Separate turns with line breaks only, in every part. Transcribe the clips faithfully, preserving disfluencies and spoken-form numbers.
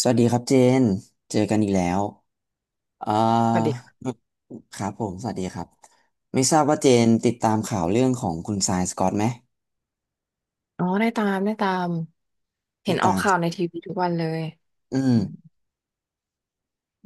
สวัสดีครับเจน เจอกันอีกแล้ว เอ่
สวัสดี
อ
ค่ะ
ครับผม สวัสดีครับ ไม่ทราบว่าเจนติดตามข่าวเรื่องของคุณซายสกอตไหม
อ๋อได้ตามได้ตามเห็
ติ
น
ด
ออ
ตา
ก
ม
ข่าวในทีวีทุกวันเลย
อื
อืม
ม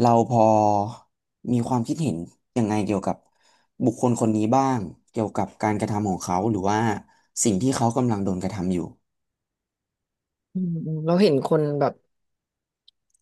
เราพอมีความคิดเห็นยังไงเกี่ยวกับบุคคลคนนี้บ้าง เกี่ยวกับการกระทำของเขาหรือว่าสิ่งที่เขากำลังโดนกระทำอยู่
อืมอืมเราเห็นคนแบบ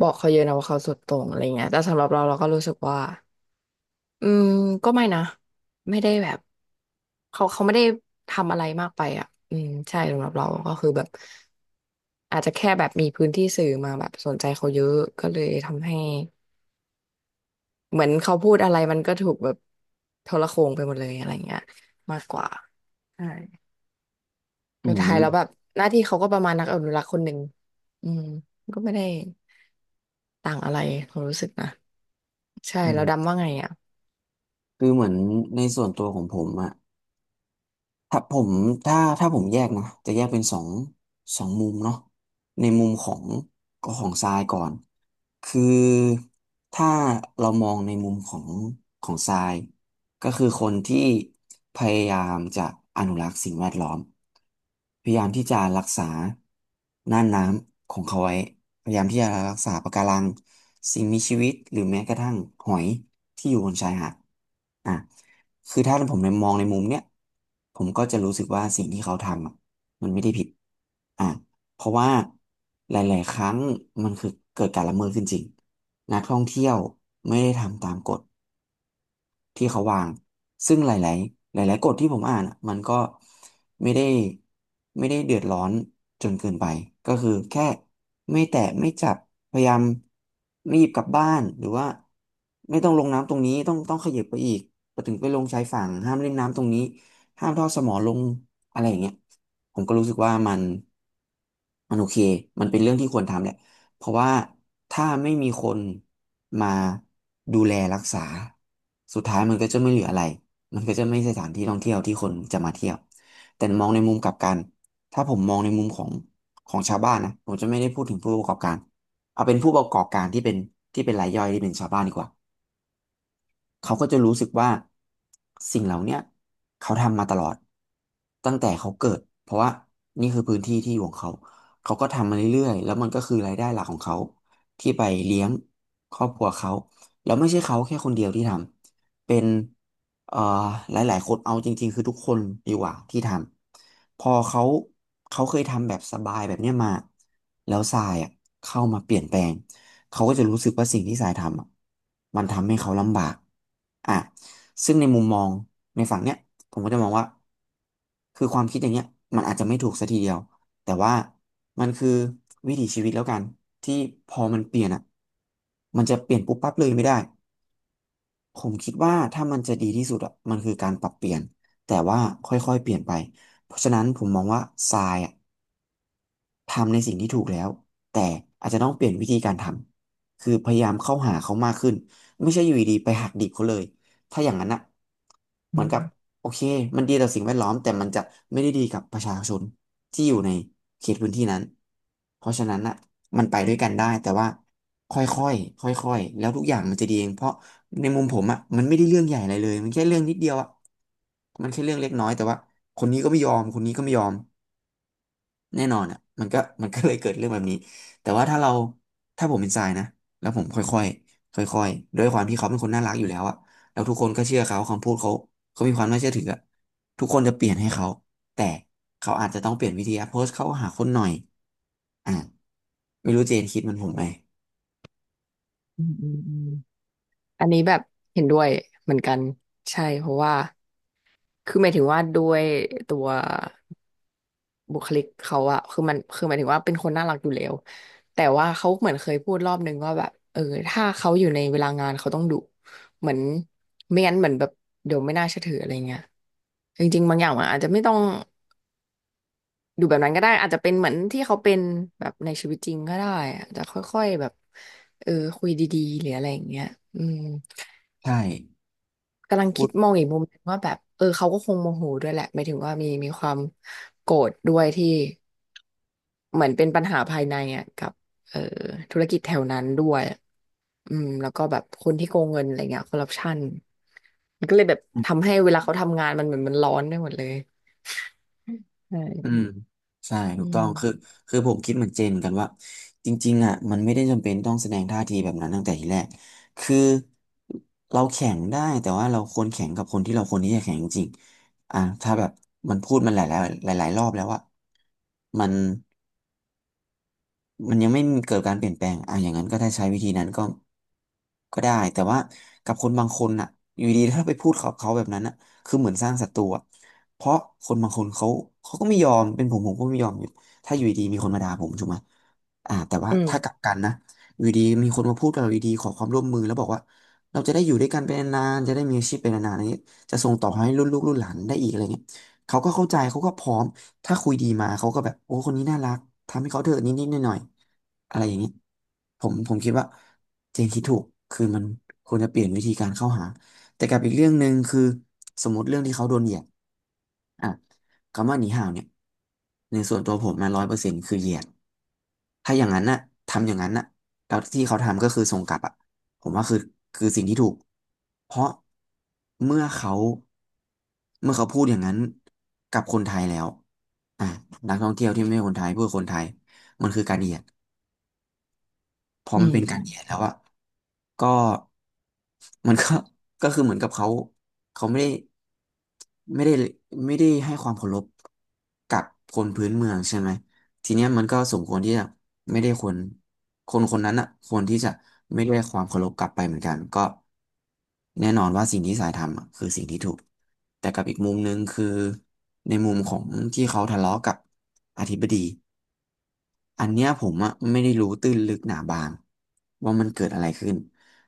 บอกเขาเยอะนะว่าเขาสุดโต่งอะไรเงี้ยแต่สำหรับเราเราก็รู้สึกว่าอืมก็ไม่นะไม่ได้แบบเขาเขาไม่ได้ทำอะไรมากไปอ่ะอืมใช่สำหรับเราก็คือแบบอาจจะแค่แบบมีพื้นที่สื่อมาแบบสนใจเขาเยอะก็เลยทำให้เหมือนเขาพูดอะไรมันก็ถูกแบบโทรโข่งไปหมดเลยอะไรเงี้ยมากกว่าใช่
อื
สุดท้ายแล้ว
ม
แบบหน้าที่เขาก็ประมาณนักอนุรักษ์คนหนึ่งอืมก็ไม่ได้ต่างอะไรความรู้สึกนะใช่
อื
แล้ว
ม
ดำว่าไงอ่ะ
คือเหมือนในส่วนตัวของผมอะ ถ้าผมถ้าถ้าผมแยกนะจะแยกเป็นสองสองมุมเนาะในมุมของก็ของทรายก่อนคือถ้าเรามองในมุมของของทรายก็คือคนที่พยายามจะอนุรักษ์สิ่งแวดล้อมพยายามที่จะรักษาน่านน้ำของเขาไว้ พยายามที่จะรักษาปะการังสิ่งมีชีวิตหรือแม้กระทั่งหอยที่อยู่บนชายหาดอ่ะคือถ้าผมในมองในมุมเนี้ยผมก็จะรู้สึกว่าสิ่งที่เขาทำอะมันไม่ได้ผิดอ่ะเพราะว่าหลายๆครั้งมันคือเกิดการละเมิดขึ้นจริงนักท่องเที่ยวไม่ได้ทำตามกฎ ที่เขาวาง ซึ่งหลายๆหลายๆกฎที่ผมอ่านอะมันก็ไม่ได้ไม่ได้เดือดร้อนจนเกินไป ก็คือแค่ไม่แตะไม่จับพยายามไม่หยิบกลับบ้าน หรือว่าไม่ต้องลงน้ำตรงนี้ต้องต้องขยับไปอีกไปถึงไปลงชายฝั่งห้ามเล่นน้ำตรงนี้ห้ามทอดสมอลงอะไรอย่างเงี้ยผมก็รู้สึกว่ามันมันโอเค มันเป็นเรื่องที่ควรทำแหละ เพราะว่าถ้าไม่มีคนมาดูแลรักษาสุดท้ายมันก็จะไม่เหลืออะไรมันก็จะไม่ใช่สถานที่ท่องเที่ยวที่คนจะมาเที่ยวแต่มองในมุมกลับกันถ้าผมมองในมุมของของชาวบ้านนะผมจะไม่ได้พูดถึงผู้ประกอบการเอาเป็นผู้ประกอบการที่เป็นที่เป็นรายย่อยที่เป็นชาวบ้านดีกว่า เขาก็จะรู้สึกว่าสิ่งเหล่าเนี้ยเขาทำมาตลอดตั้งแต่เขาเกิดเพราะว่านี่คือพื้นที่ที่อยู่ของเขาเขาก็ทำมาเรื่อยๆแล้วมันก็คือรายได้หลักของเขาที่ไปเลี้ยงครอบครัวเขาแล้วไม่ใช่เขาแค่คนเดียวที่ทำเป็นเอ่อหลายๆคนเอาจริงๆคือทุกคนดีกว่าที่ทำพอเขาเขาเคยทำแบบสบายแบบเนี้ยมาแล้วทรายอ่ะเข้ามาเปลี่ยนแปลง เขาก็จะรู้สึกว่าสิ่งที่สายทำอะมันทำให้เขาลำบากอ่ะซึ่งในมุมมองในฝั่งเนี้ยผมก็จะมองว่าคือความคิดอย่างเงี้ยมันอาจจะไม่ถูกสัทีเดียวแต่ว่ามันคือวิถีชีวิตแล้วกันที่พอมันเปลี่ยนอ่ะมันจะเปลี่ยนปุ๊บปั๊บเลยไม่ได้ผมคิดว่าถ้ามันจะดีที่สุดอ่ะมันคือการปรับเปลี่ยนแต่ว่าค่อยๆเปลี่ยนไปเพราะฉะนั้นผมมองว่าทรายอ่ะ ทำในสิ่งที่ถูกแล้วแต่อาจจะต้องเปลี่ยนวิธีการทำคือพยายามเข้าหาเขามากขึ้นไม่ใช่อยู่ดีๆไปหักดิบเขาเลยถ้าอย่างนั้นอะเห
อื
มือนกับ
ม
โอเคมันดีต่อสิ่งแวดล้อมแต่มันจะไม่ได้ดีกับประชาชนที่อยู่ในเขตพื้นที่นั้นเพราะฉะนั้นอะมันไปด้วยกันได้แต่ว่าค่อยๆค่อยๆแล้วทุกอย่างมันจะดีเองเพราะในมุมผมอะมันไม่ได้เรื่องใหญ่อะไรเลยมันแค่เรื่องนิดเดียวอะมันแค่เรื่องเล็กน้อยแต่ว่าคนนี้ก็ไม่ยอมคนนี้ก็ไม่ยอม แน่นอนอ่ะมันก็ มันก็เลยเกิดเรื่องแบบนี้แต่ว่าถ้าเราถ้าผมเป็นทรายนะแล้วผมค่อยๆค่อยๆด้วยความที่เขาเป็นคนน่ารักอยู่แล้วอ่ะแล้วทุกคนก็เชื่อเขาคำพูดเขาเขามีความน่าเชื่อถืออะทุกคนจะเปลี่ยนให้เขาแต่เขาอาจจะต้องเปลี่ยนวิธีการโพสต์เข้าหาคนหน่อยอ่ะไม่รู้เจนคิดเหมันผมไหม
อืมอืมอืมอันนี้แบบเห็นด้วยเหมือนกันใช่เพราะว่าคือหมายถึงว่าด้วยตัวบุคลิกเขาอะคือมันคือหมายถึงว่าเป็นคนน่ารักอยู่แล้วแต่ว่าเขาเหมือนเคยพูดรอบนึงว่าแบบเออถ้าเขาอยู่ในเวลางานเขาต้องดุเหมือนไม่งั้นเหมือนแบบเดี๋ยวไม่น่าเชื่อถืออะไรเงี้ยจริงๆบางอย่างมันอาจจะไม่ต้องดูแบบนั้นก็ได้อาจจะเป็นเหมือนที่เขาเป็นแบบในชีวิตจริงก็ได้อาจจะค่อยๆแบบเออคุยดีๆหรืออะไรอย่างเงี้ยอืม
ใช่
กำลัง
พู
คิด
ด
มองอีกมุมหนึ่งว่าแบบเออเขาก็คงโมโหด้วยแหละหมายถึงว่ามีมีความโกรธด้วยที่เหมือนเป็นปัญหาภายในอ่ะกับเออธุรกิจแถวนั้นด้วยอืมแล้วก็แบบคนที่โกงเงินอะไรเงี้ยคอร์รัปชันมันก็เลยแบบทำให้เวลาเขาทำงานมันเหมือนมันร้อนไปหมดเลยใช่
อืมใช่ถู
อื
กต้องคือ
ม
คือผมคิดเหมือนเจนเหมือนกันว่าจริงๆอ่ะมันไม่ได้จำเป็นต้องแสดงท่าทีแบบนั้นตั้งแต่ทีแรกคือเราแข่งได้แต่ว่าเราควรแข่งกับคนที่เราควรที่จะแข่งจริงๆอ่ะถ้าแบบมันพูดมันหลายๆหลายๆรอบแล้วว่ามัน มันยังไม่เกิดการเปลี่ยนแปลงอ่ะอย่างนั้นก็ถ้าใช้วิธีนั้นก็ก็ได้ แต่ว่ากับคนบางคนอ่ะอยู่ดีถ้าไปพูดเขาเขาแบบนั้นอ่ะคือเหมือนสร้างศัตรูอะเพราะคนบางคนเขาเขาก็ไม่ยอมเป็นผมผมก็ไม่ยอมอยู่ถ้าอยู่ดีมีคนมาด่าผมถูกไหมอ่าแต่ว่า
อื
ถ้า
ม
กลับกันนะอยู่ดีมีคนมาพูดกับเราอยู่ดีขอความร่วมมือแล้วบอกว่าเราจะได้อยู่ด้วยกันเปนนานๆจะได้มีอาชีพเปนนานๆอะไรอย่างเงี้ยจะส่งต่อให้รุ่นลูกรุ่นหลานได้อีกอะไรเงี้ย เขาก็เข้าใจเขาก็พร้อมถ้าคุยดีมาเขาก็แบบโอ้คนนี้น่ารักทำให้เขาเถอะนิดๆหน่อยๆอะไรอย่างนี้ผมผมคิดว่าเจนคิดถูกคือมันควรจะเปลี่ยนวิธีการเข้าหาแต่กับอีกเรื่องหนึ่งคือสมมติเรื่องที่เขาโดนเหยียดอ่ะคำว่าหนีห่าวเนี่ยในส่วนตัวผมมาร้อยเปอร์เซ็นต์คือเหยียดถ้าอย่างนั้นน่ะทำอย่างนั้นน่ะแล้วที่เขาทำก็คือส่งกลับอ่ะ ผมว่าคือคือสิ่งที่ถูกเพราะเมื่อเขาเมื่อเขาพูดอย่างนั้นกับคนไทยแล้วอ่ะนักท่องเที่ยวที่ไม่ใช่คนไทยพูดกับคนไทยมันคือการเหยียด พอ
อื
มัน
ม
เป็น
อื
การ
ม
เขียนแล้วอะก็มันก็ ก็คือเหมือนกับเขาเขาไม่ได้ไม่ได้ไม่ได้ให้ความเคารพกับคนพื้นเมืองใช่ไหมทีเนี้ยมันก็สมควรที่จะไม่ได้คนคนคนนั้นอะควรที่จะไม่ได้ความเคารพกลับไปเหมือนกันก็แน่นอนว่าสิ่งที่สายทำอะคือสิ่งที่ถูกแต่กับอีกมุมหนึ่งคือในมุมของที่เขาทะเลาะกับอธิบดี อันเนี้ยผมอะไม่ได้รู้ตื้นลึกหนาบางว่ามันเกิดอะไรขึ้น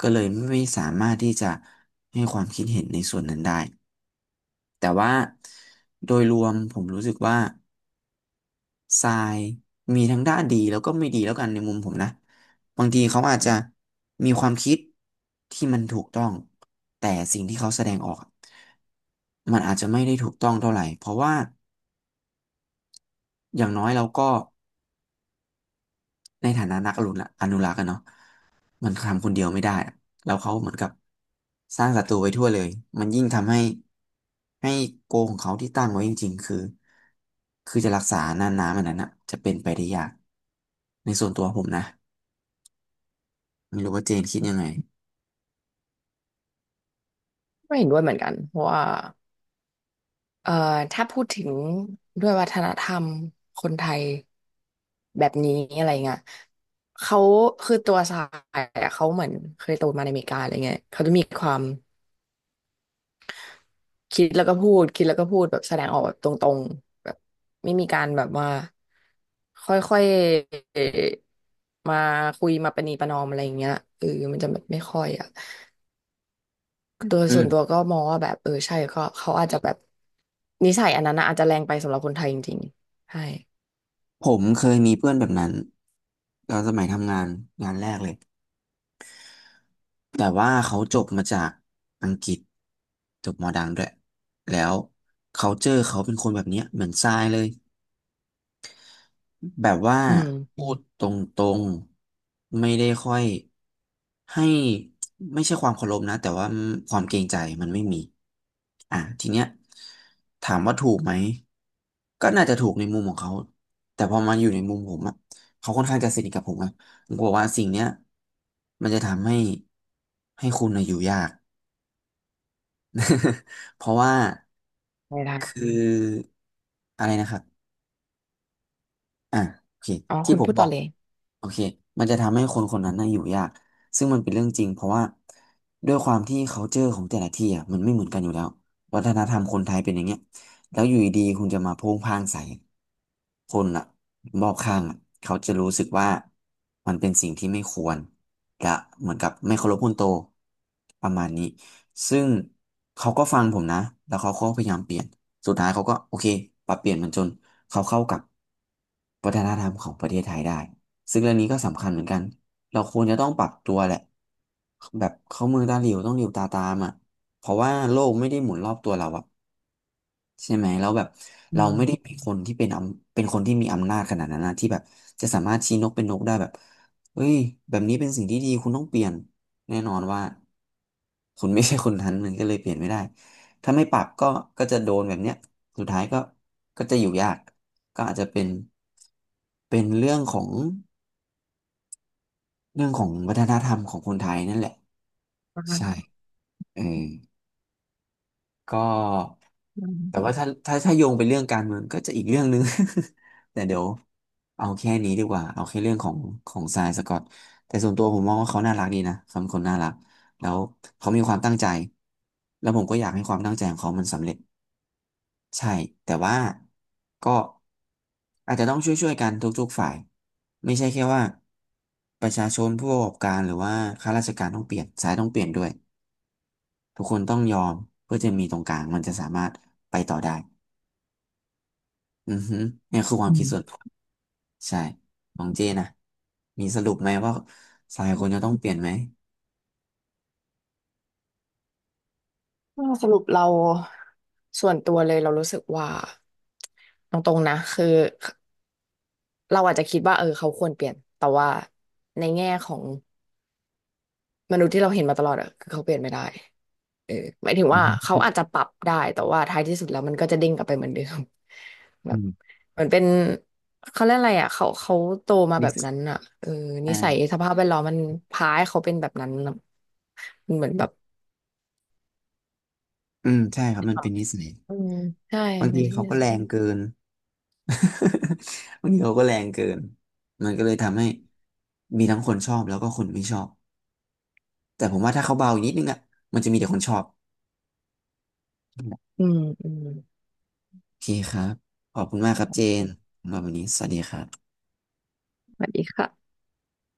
ก็เลยไม่สามารถที่จะให้ความคิดเห็นในส่วนนั้นได้แต่ว่าโดยรวมผมรู้สึกว่าทรายมีทั้งด้านดีแล้วก็ไม่ดีแล้วกันในมุมผมนะบางทีเขาอาจจะมีความคิดที่มันถูกต้องแต่สิ่งที่เขาแสดงออกอะมันอาจจะไม่ได้ถูกต้องเท่าไหร่เพราะว่าอย่างน้อยเราก็ ในฐานะนักอนุรักษ์อนุรักษ์อะเนาะมันทำคนเดียวไม่ได้อะแล้วเขาเหมือนกับสร้างศัตรูไว้ทั่วเลยมันยิ่งทำให้ให้โกของเขาที่ตั้งไว้จริงๆคือคือจะรักษาน่านน้ำอันนั้นอะจะเป็นไปได้ยากในส่วนตัวผมนะไม่รู้ว่าเจนคิดยังไง
ไม่เห็นด้วยเหมือนกันเพราะว่า เอ่อถ้าพูดถึงด้วยวัฒนธรรมคนไทยแบบนี้อะไรเงี้ยเขาคือตัวสายอะเขาเหมือนเคยโตมาในอเมริกาอะไรเงี้ยเขาจะมีความคิดแล้วก็พูดคิดแล้วก็พูดแบบแสดงออกแบบตรงๆแบบไม่มีการแบบว่าค่อยๆมาคุยมาประนีประนอมอะไรเงี้ยเออมันจะแบบไม่ค่อยอะตัว
อื
ส่
ม
วนตัวก็มองว่าแบบเออใช่ก็เขาอาจจะแบบนิสัยอันนั้นนะอาจจะแรงไปสำหรับคนไทยจริงๆใช่
ผมเคยมีเพื่อนแบบนั้นตอนสมัยทำงานงานแรกเลยแต่ว่าเขาจบมาจากอังกฤษจบมอดังด้วยแล้ว culture เขาเป็นคนแบบเนี้ยเหมือนทรายเลย แบบว่า
อืม
พูดตรงๆไม่ได้ค่อยให้ไม่ใช่ความเคารพนะแต่ว่าความเกรงใจมันไม่มีอ่ะทีเนี้ยถามว่าถูกไหมก็น่าจะถูกในมุมของเขาแต่พอมาอยู่ในมุมผมอะเขาค่อนข้างจะสนิทกับผมอะผมกลัวว่าสิ่งเนี้ยมันจะทำให้ให้คุณน่ะอยู่ยาก เพราะว่า
ไม่ได้
คืออะไรนะครับ อ่ะโอเค
อ๋อ
ที่
คุณ
ผ
พู
ม
ด
บ
ต่
อ
อ
ก
เลย
โอเคมันจะทำให้คนคนนั้นน่ะอยู่ยากซึ่งมันเป็นเรื่องจริงเพราะว่าด้วยความที่ culture ของแต่ละที่อ่ะมันไม่เหมือนกันอยู่แล้ววัฒนธรรมคนไทยเป็นอย่างเงี้ยแล้วอยู่ดีๆคุณจะมาโพ่งพ่างใส่คนอ่ะรอบข้างอ่ะเขาจะรู้สึกว่ามันเป็นสิ่งที่ไม่ควรและเหมือนกับไม่เคารพคนโตประมาณนี้ ซึ่งเขาก็ฟังผมนะ แล้วเขาก็พยายามเปลี่ยนสุดท้ายเขาก็โอเคปรับเปลี่ยนมันจนเขาเข้ากับวัฒนธรรมของประเทศไทยได้ ซึ่งเรื่องนี้ก็สำคัญเหมือนกัน เราควรจะต้องปรับตัวแหละแบบเข้ามือตาหลิวต้องหลิวตาตามอ่ะเพราะว่าโลกไม่ได้หมุนรอบตัวเราอะ ใช่ไหมแล้วแบบ
อื
เรา
ม
ไม่ได้เป็นคนที่เป็นอำเป็นคนที่มีอำนาจขนาดนั้นนะที่แบบจะสามารถชี้นกเป็นนกได้แบบเฮ้ยแบบนี้เป็นสิ่งที่ดีคุณต้องเปลี่ยนแน่นอนว่าคุณไม่ใช่คนนั้นมันก็เลยเปลี่ยนไม่ได้ถ้าไม่ปรับก็ก็จะโดนแบบเนี้ยสุดท้ายก็ก็จะอยู่ยากก็อาจจะเป็นเป็นเรื่องของเรื่องของวัฒนธรรมของคนไทยนั่นแหละ
ประมาณ
ใช่
นั้น
เออ ก็แต่ว่าถ้าถ้าถ้าโยงไปเรื่องการเมืองก็จะอีกเรื่องหนึ่ง แต่เดี๋ยวเอาแค่นี้ดีกว่าเอาแค่เรื่องของของทรายสกอตแต่ส่วนตัวผมมองว่าเขาน่ารักดีนะเขาเป็นคนน่ารักแล้วเขามีความตั้งใจแล้วผมก็อยากให้ความตั้งใจของเขามันสำเร็จใช่แต่ว่าก็อาจจะต้องช่วยๆกันทุกๆฝ่ายไม่ใช่แค่ว่าประชาชนผู้ประกอบการหรือว่าข้าราชการต้องเปลี่ยนสายต้องเปลี่ยนด้วย ทุกคนต้องยอมเพื่อจะมีตรงกลางมันจะสามารถไปต่อได้อือฮึเนี่ยคือควา
อื
มคิดส่วนตั
ม
วใช่ของเจนะมีสรุปไหมว่าสายคนจะต้องเปลี่ยนไหม
ก็สรุปเราส่วนตัวเลยเรารู้สึกว่าตรงๆนะคือเราอาจจะคิดว่าเออเขาควรเปลี่ยนแต่ว่าในแง่ของมนุษย์ที่เราเห็นมาตลอดอะคือเขาเปลี่ยนไม่ได้ เออหมายถึงว่าเขาอาจจะปรับได้แต่ว่าท้ายที่สุดแล้วมันก็จะเด้งกลับไปเหมือนเดิม แบ
อื
บ
ม
เหมือนเป็นเขาเรียกอะไรอ่ะเขาเขาโตมา
นิ
แบบ
สั
นั้น
ย
อ่ะเออนิสัยสภาพแวดล้อมมันพาให้เขาเป็นแบบนั้นอะมันเหมือนแบบ
อืมใช่ครับมันเป็นนิสัย
อืมใช่
บาง
ไม่
ที
ที่
เขาก็แร
สั
งเกิน บางทีเขาก็แรงเกินมันก็เลยทำให้มีทั้งคนชอบแล้วก็คนไม่ชอบแต่ผมว่าถ้าเขาเบาอีกนิดนึงอ่ะมันจะมีแต่คนชอบ
อืมอืม
โอเคครับขอบคุณมากครับเจนสำหรับวันนี้สวัสดีครับ
สวัสดีค่ะ